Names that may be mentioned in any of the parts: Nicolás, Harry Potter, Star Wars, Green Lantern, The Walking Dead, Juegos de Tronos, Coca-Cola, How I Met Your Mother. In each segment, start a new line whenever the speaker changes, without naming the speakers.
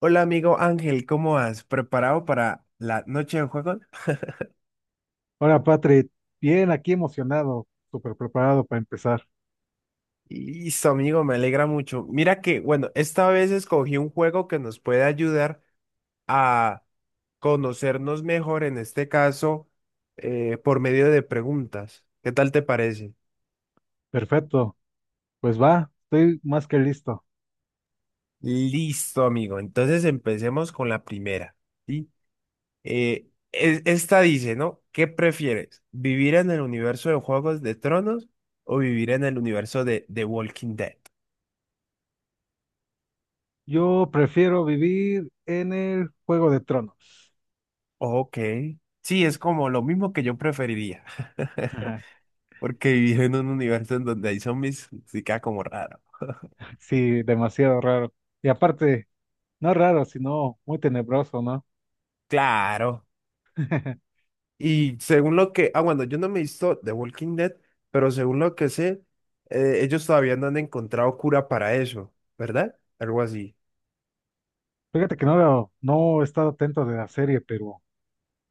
Hola amigo Ángel, ¿cómo has preparado para la noche de juego?
Hola, Patrick. Bien, aquí emocionado, súper preparado para empezar.
Listo amigo, me alegra mucho. Mira que, bueno, esta vez escogí un juego que nos puede ayudar a conocernos mejor, en este caso, por medio de preguntas. ¿Qué tal te parece?
Perfecto. Pues va, estoy más que listo.
Listo amigo, entonces empecemos con la primera. ¿Sí? Esta dice, ¿no? ¿Qué prefieres? ¿Vivir en el universo de Juegos de Tronos o vivir en el universo de The Walking Dead?
Yo prefiero vivir en el Juego de Tronos.
Ok. Sí, es como lo mismo que yo preferiría.
Ajá.
Porque vivir en un universo en donde hay zombies sí queda como raro.
Sí, demasiado raro. Y aparte, no raro, sino muy tenebroso, ¿no?
Claro. Y según lo que. Ah, bueno, yo no me he visto The Walking Dead, pero según lo que sé, ellos todavía no han encontrado cura para eso, ¿verdad? Algo así.
Fíjate que no, no he estado atento de la serie, pero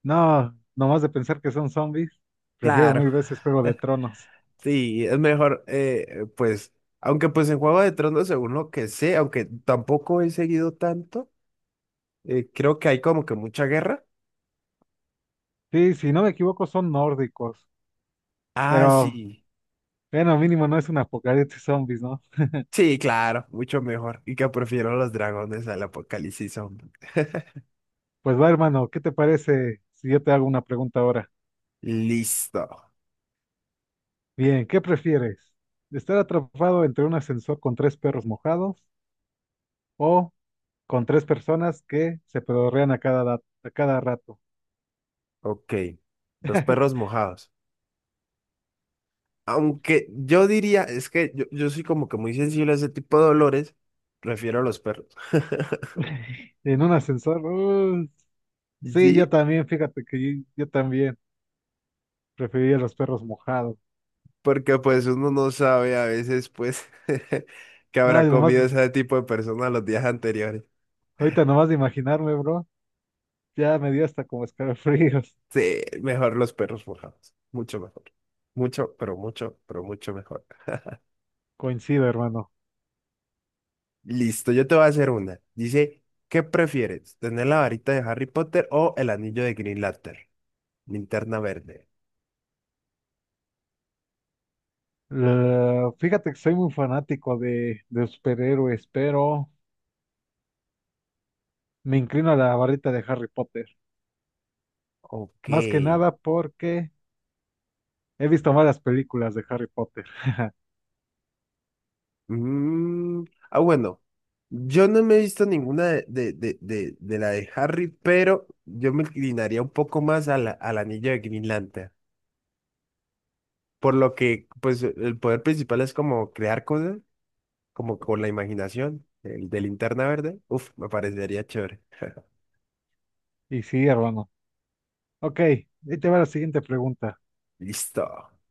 no, nomás de pensar que son zombies, prefiero
Claro.
mil veces Juego de Tronos.
Sí, es mejor, pues. Aunque, pues en Juego de Tronos, según lo que sé, aunque tampoco he seguido tanto, creo que hay como que mucha guerra.
Sí, si no me equivoco, son nórdicos,
Ah,
pero
sí.
bueno, mínimo no es un apocalipsis zombies, ¿no?
Sí, claro, mucho mejor. Y que prefiero los dragones al apocalipsis zombie.
Pues va, hermano, ¿qué te parece si yo te hago una pregunta ahora?
Listo.
Bien, ¿qué prefieres? ¿Estar atrapado entre un ascensor con tres perros mojados o con tres personas que se pedorrean a a cada rato?
Ok. Los perros mojados. Aunque yo diría, es que yo soy como que muy sensible a ese tipo de dolores, prefiero a los perros.
En un ascensor. Sí, yo
Sí,
también, fíjate que yo también preferiría los perros mojados.
porque pues uno no sabe a veces pues que habrá
Nada, nomás,
comido ese tipo de persona los días anteriores.
ahorita nomás de imaginarme, bro, ya me dio hasta como escalofríos.
Sí, mejor los perros mojados. Mucho mejor. Mucho, pero mucho, pero mucho mejor.
Coincido, hermano.
Listo, yo te voy a hacer una. Dice, ¿qué prefieres? ¿Tener la varita de Harry Potter o el anillo de Green Lantern? Linterna verde.
Fíjate que soy muy fanático de superhéroes, pero me inclino a la barrita de Harry Potter.
Ok.
Más que nada porque he visto malas películas de Harry Potter.
Mm, Ah, bueno. Yo no me he visto ninguna de, de la de Harry, pero yo me inclinaría un poco más a al anillo de Green Lantern. Por lo que, pues, el poder principal es como crear cosas, como con la imaginación. El de Linterna verde. Uf, me parecería chévere.
Y sí, hermano. Ok, ahí te va la siguiente pregunta.
Listo.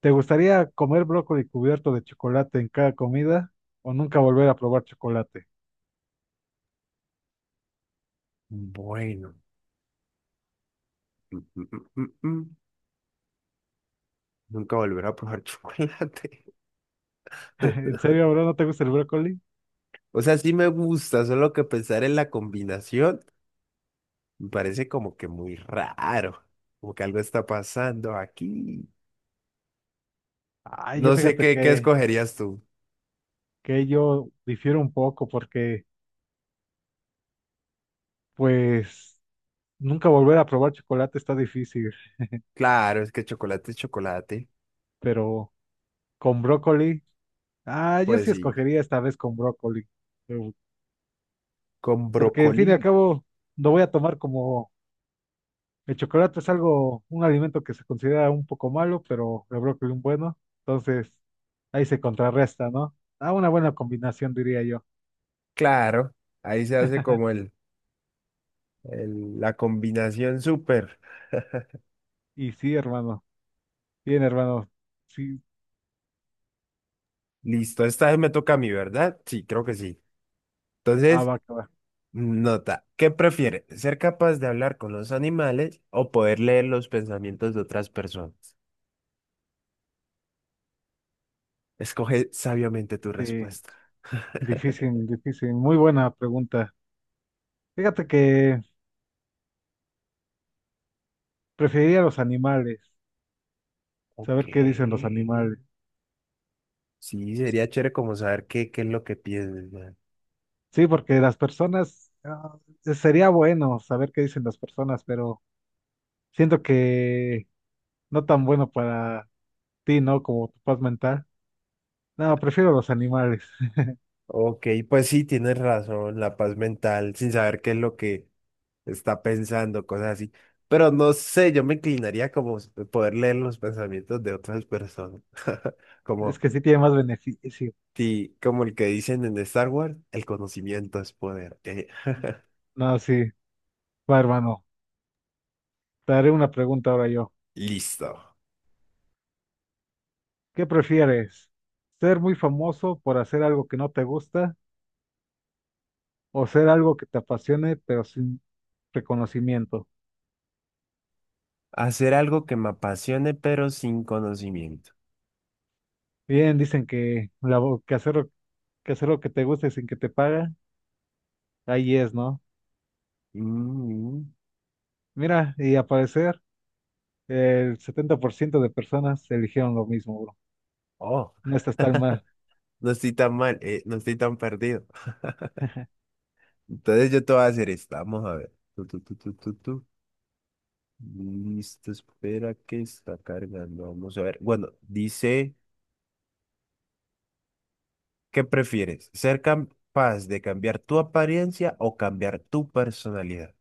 ¿Te gustaría comer brócoli cubierto de chocolate en cada comida o nunca volver a probar chocolate?
Bueno. Mm, mm, mm, mm, mm. Nunca volver a probar chocolate.
¿En serio, bro? ¿No te gusta el brócoli?
O sea, sí me gusta, solo que pensar en la combinación me parece como que muy raro, como que algo está pasando aquí.
Ay, yo
No sé
fíjate
qué, qué escogerías tú.
que yo difiero un poco porque, pues, nunca volver a probar chocolate está difícil,
Claro, es que chocolate es chocolate.
pero... con brócoli. Ah, yo
Pues
sí
sí,
escogería esta vez con brócoli. eh,
con
Porque, en fin
brócoli.
y al cabo, lo voy a tomar como el chocolate es algo, un alimento que se considera un poco malo, pero el brócoli un bueno. Entonces, ahí se contrarresta, ¿no? Ah, una buena combinación, diría yo.
Claro, ahí se hace como la combinación súper.
Y sí, hermano. Bien, hermano. Sí,
Listo, esta vez me toca a mí, ¿verdad? Sí, creo que sí.
ah,
Entonces,
va, que va.
nota, ¿qué prefiere? ¿Ser capaz de hablar con los animales o poder leer los pensamientos de otras personas? Escoge sabiamente tu
Sí,
respuesta.
difícil, difícil. Muy buena pregunta. Fíjate que preferiría los animales,
Ok,
saber qué dicen los animales.
sí, sería chévere como saber qué, qué es lo que piensas, man.
Sí, porque las personas, ah, sería bueno saber qué dicen las personas, pero siento que no tan bueno para ti, ¿no? Como tu paz mental. No, prefiero los animales.
Ok, pues sí, tienes razón, la paz mental, sin saber qué es lo que está pensando, cosas así. Pero no sé, yo me inclinaría poder leer los pensamientos de otras personas,
Es
como,
que sí tiene más beneficio.
como el que dicen en Star Wars, el conocimiento es poder.
No, sí. Va, hermano. Te haré una pregunta ahora yo.
Listo.
¿Qué prefieres? ¿Ser muy famoso por hacer algo que no te gusta o ser algo que te apasione pero sin reconocimiento?
Hacer algo que me apasione, pero sin conocimiento.
Bien, dicen que, la, vo- que hacer, que hacer lo que te gusta y sin que te paga, ahí es, ¿no?
Mm,
Mira, y a parecer el 70% de personas eligieron lo mismo, bro.
oh,
No estás tan mal.
no estoy tan mal, no estoy tan perdido. Entonces yo te voy a hacer esta. Vamos a ver. Tu, tu, tu, tu, tu, tu. Listo, espera que está cargando. Vamos a ver. Bueno, dice, ¿qué prefieres? ¿Ser capaz de cambiar tu apariencia o cambiar tu personalidad?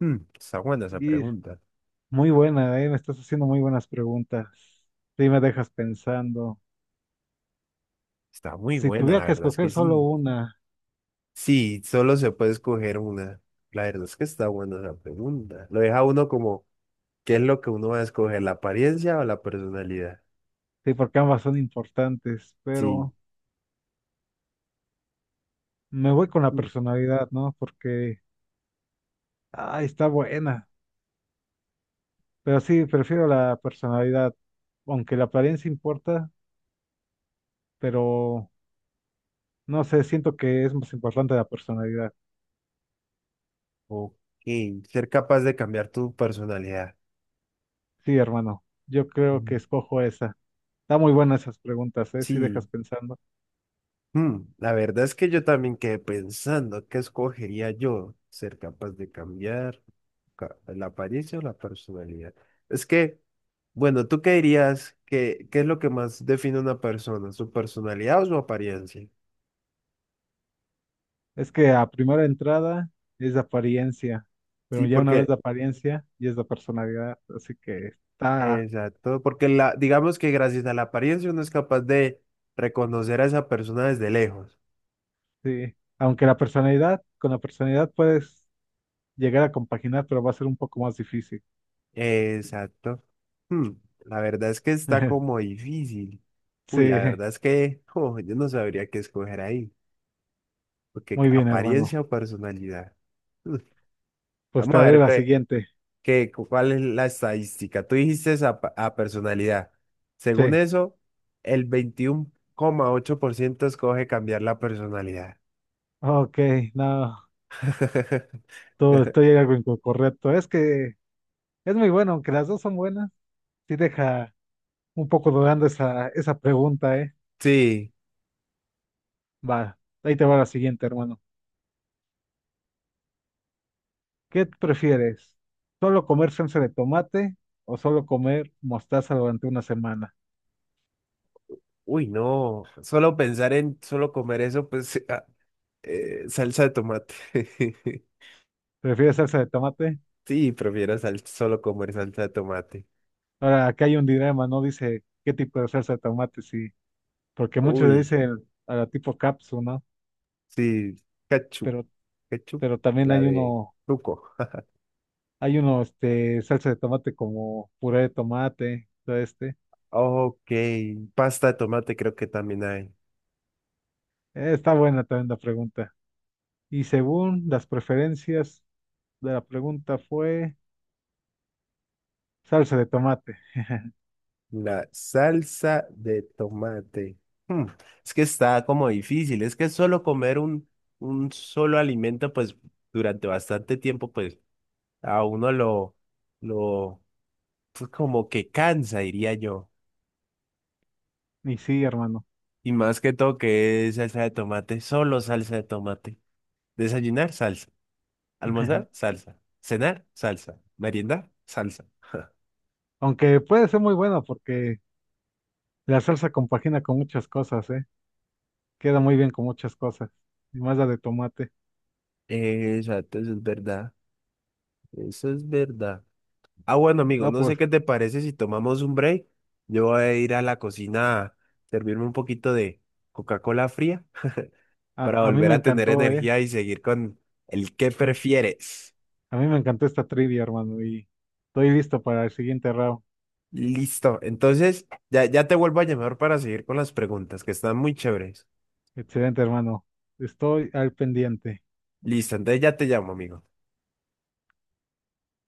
Está buena esa
Y
pregunta.
muy buena, me estás haciendo muy buenas preguntas. Sí, me dejas pensando.
Está muy
Si
buena,
tuviera
la
que
verdad es que
escoger solo
sí.
una,
Sí, solo se puede escoger una. La verdad es que está buena esa pregunta. Lo deja uno como, ¿qué es lo que uno va a escoger? ¿La apariencia o la personalidad?
sí, porque ambas son importantes,
Sí.
pero me voy con la
mm,
personalidad, ¿no? Porque, ay, está buena. Pero sí, prefiero la personalidad, aunque la apariencia importa, pero no sé, siento que es más importante la personalidad.
Ok. Ser capaz de cambiar tu personalidad.
Sí, hermano, yo creo que
Mm,
escojo esa. Está muy buena esas preguntas, ¿eh? Si dejas
Sí.
pensando.
La verdad es que yo también quedé pensando, ¿qué escogería yo? ¿Ser capaz de cambiar la apariencia o la personalidad? Es que, bueno, ¿tú qué dirías? ¿Qué, qué es lo que más define a una persona? ¿Su personalidad o su apariencia?
Es que a primera entrada es la apariencia,
Sí,
pero ya una vez la
porque,
apariencia ya es la personalidad, así que está,
exacto, porque la, digamos que gracias a la apariencia uno es capaz de reconocer a esa persona desde lejos.
sí. Aunque la personalidad, con la personalidad puedes llegar a compaginar, pero va a ser un poco más difícil.
Exacto. Hmm, la verdad es que está como difícil. Uy, la
Sí,
verdad es que oh, yo no sabría qué escoger ahí, porque
muy bien, hermano.
apariencia o personalidad. Hmm,
Pues
Vamos
te
a
haré
ver
la
qué,
siguiente.
cuál es la estadística. Tú dijiste a personalidad. Según
Sí,
eso, el 21,8% escoge cambiar la personalidad.
ok, no, todo estoy algo incorrecto. Es que es muy bueno, aunque las dos son buenas, sí deja. Un poco dudando esa pregunta, ¿eh?
Sí,
Va, ahí te va la siguiente, hermano. ¿Qué prefieres? ¿Solo comer salsa de tomate o solo comer mostaza durante una semana?
uy, no, solo pensar en solo comer eso, pues ah, salsa de tomate.
¿Prefieres salsa de tomate?
Sí, prefiero solo comer salsa de tomate.
Ahora, acá hay un dilema, ¿no? Dice qué tipo de salsa de tomate, sí. Porque muchos le
Uy,
dicen a la tipo capsu, ¿no?
sí, ketchup,
Pero,
ketchup,
pero también
la de truco.
hay uno, este, salsa de tomate como puré de tomate, todo este.
Ok, pasta de tomate creo que también hay.
Está buena también la pregunta. Y según las preferencias de la pregunta fue... Salsa de tomate.
La salsa de tomate. Hmm, Es que está como difícil, es que solo comer un solo alimento, pues durante bastante tiempo, pues. A uno lo, pues, como que cansa, diría yo.
Y sí, hermano.
Y más que todo que es salsa de tomate, solo salsa de tomate. Desayunar, salsa. Almorzar, salsa. Cenar, salsa. Meriendar, salsa.
Aunque puede ser muy bueno porque la salsa compagina con muchas cosas, ¿eh? Queda muy bien con muchas cosas. Y más la de tomate.
Exacto, eso es verdad. Eso es verdad. Ah, bueno, amigo,
No,
no sé
pues
qué te parece si tomamos un break. Yo voy a ir a la cocina a servirme un poquito de Coca-Cola fría para
a mí
volver
me
a tener
encantó, ¿eh?
energía y seguir con el que
Eh,
prefieres.
A mí me encantó esta trivia, hermano. Y estoy listo para el siguiente round.
Listo. Entonces, ya te vuelvo a llamar para seguir con las preguntas, que están muy chéveres.
Excelente, hermano. Estoy al pendiente.
Listo, entonces ya te llamo, amigo.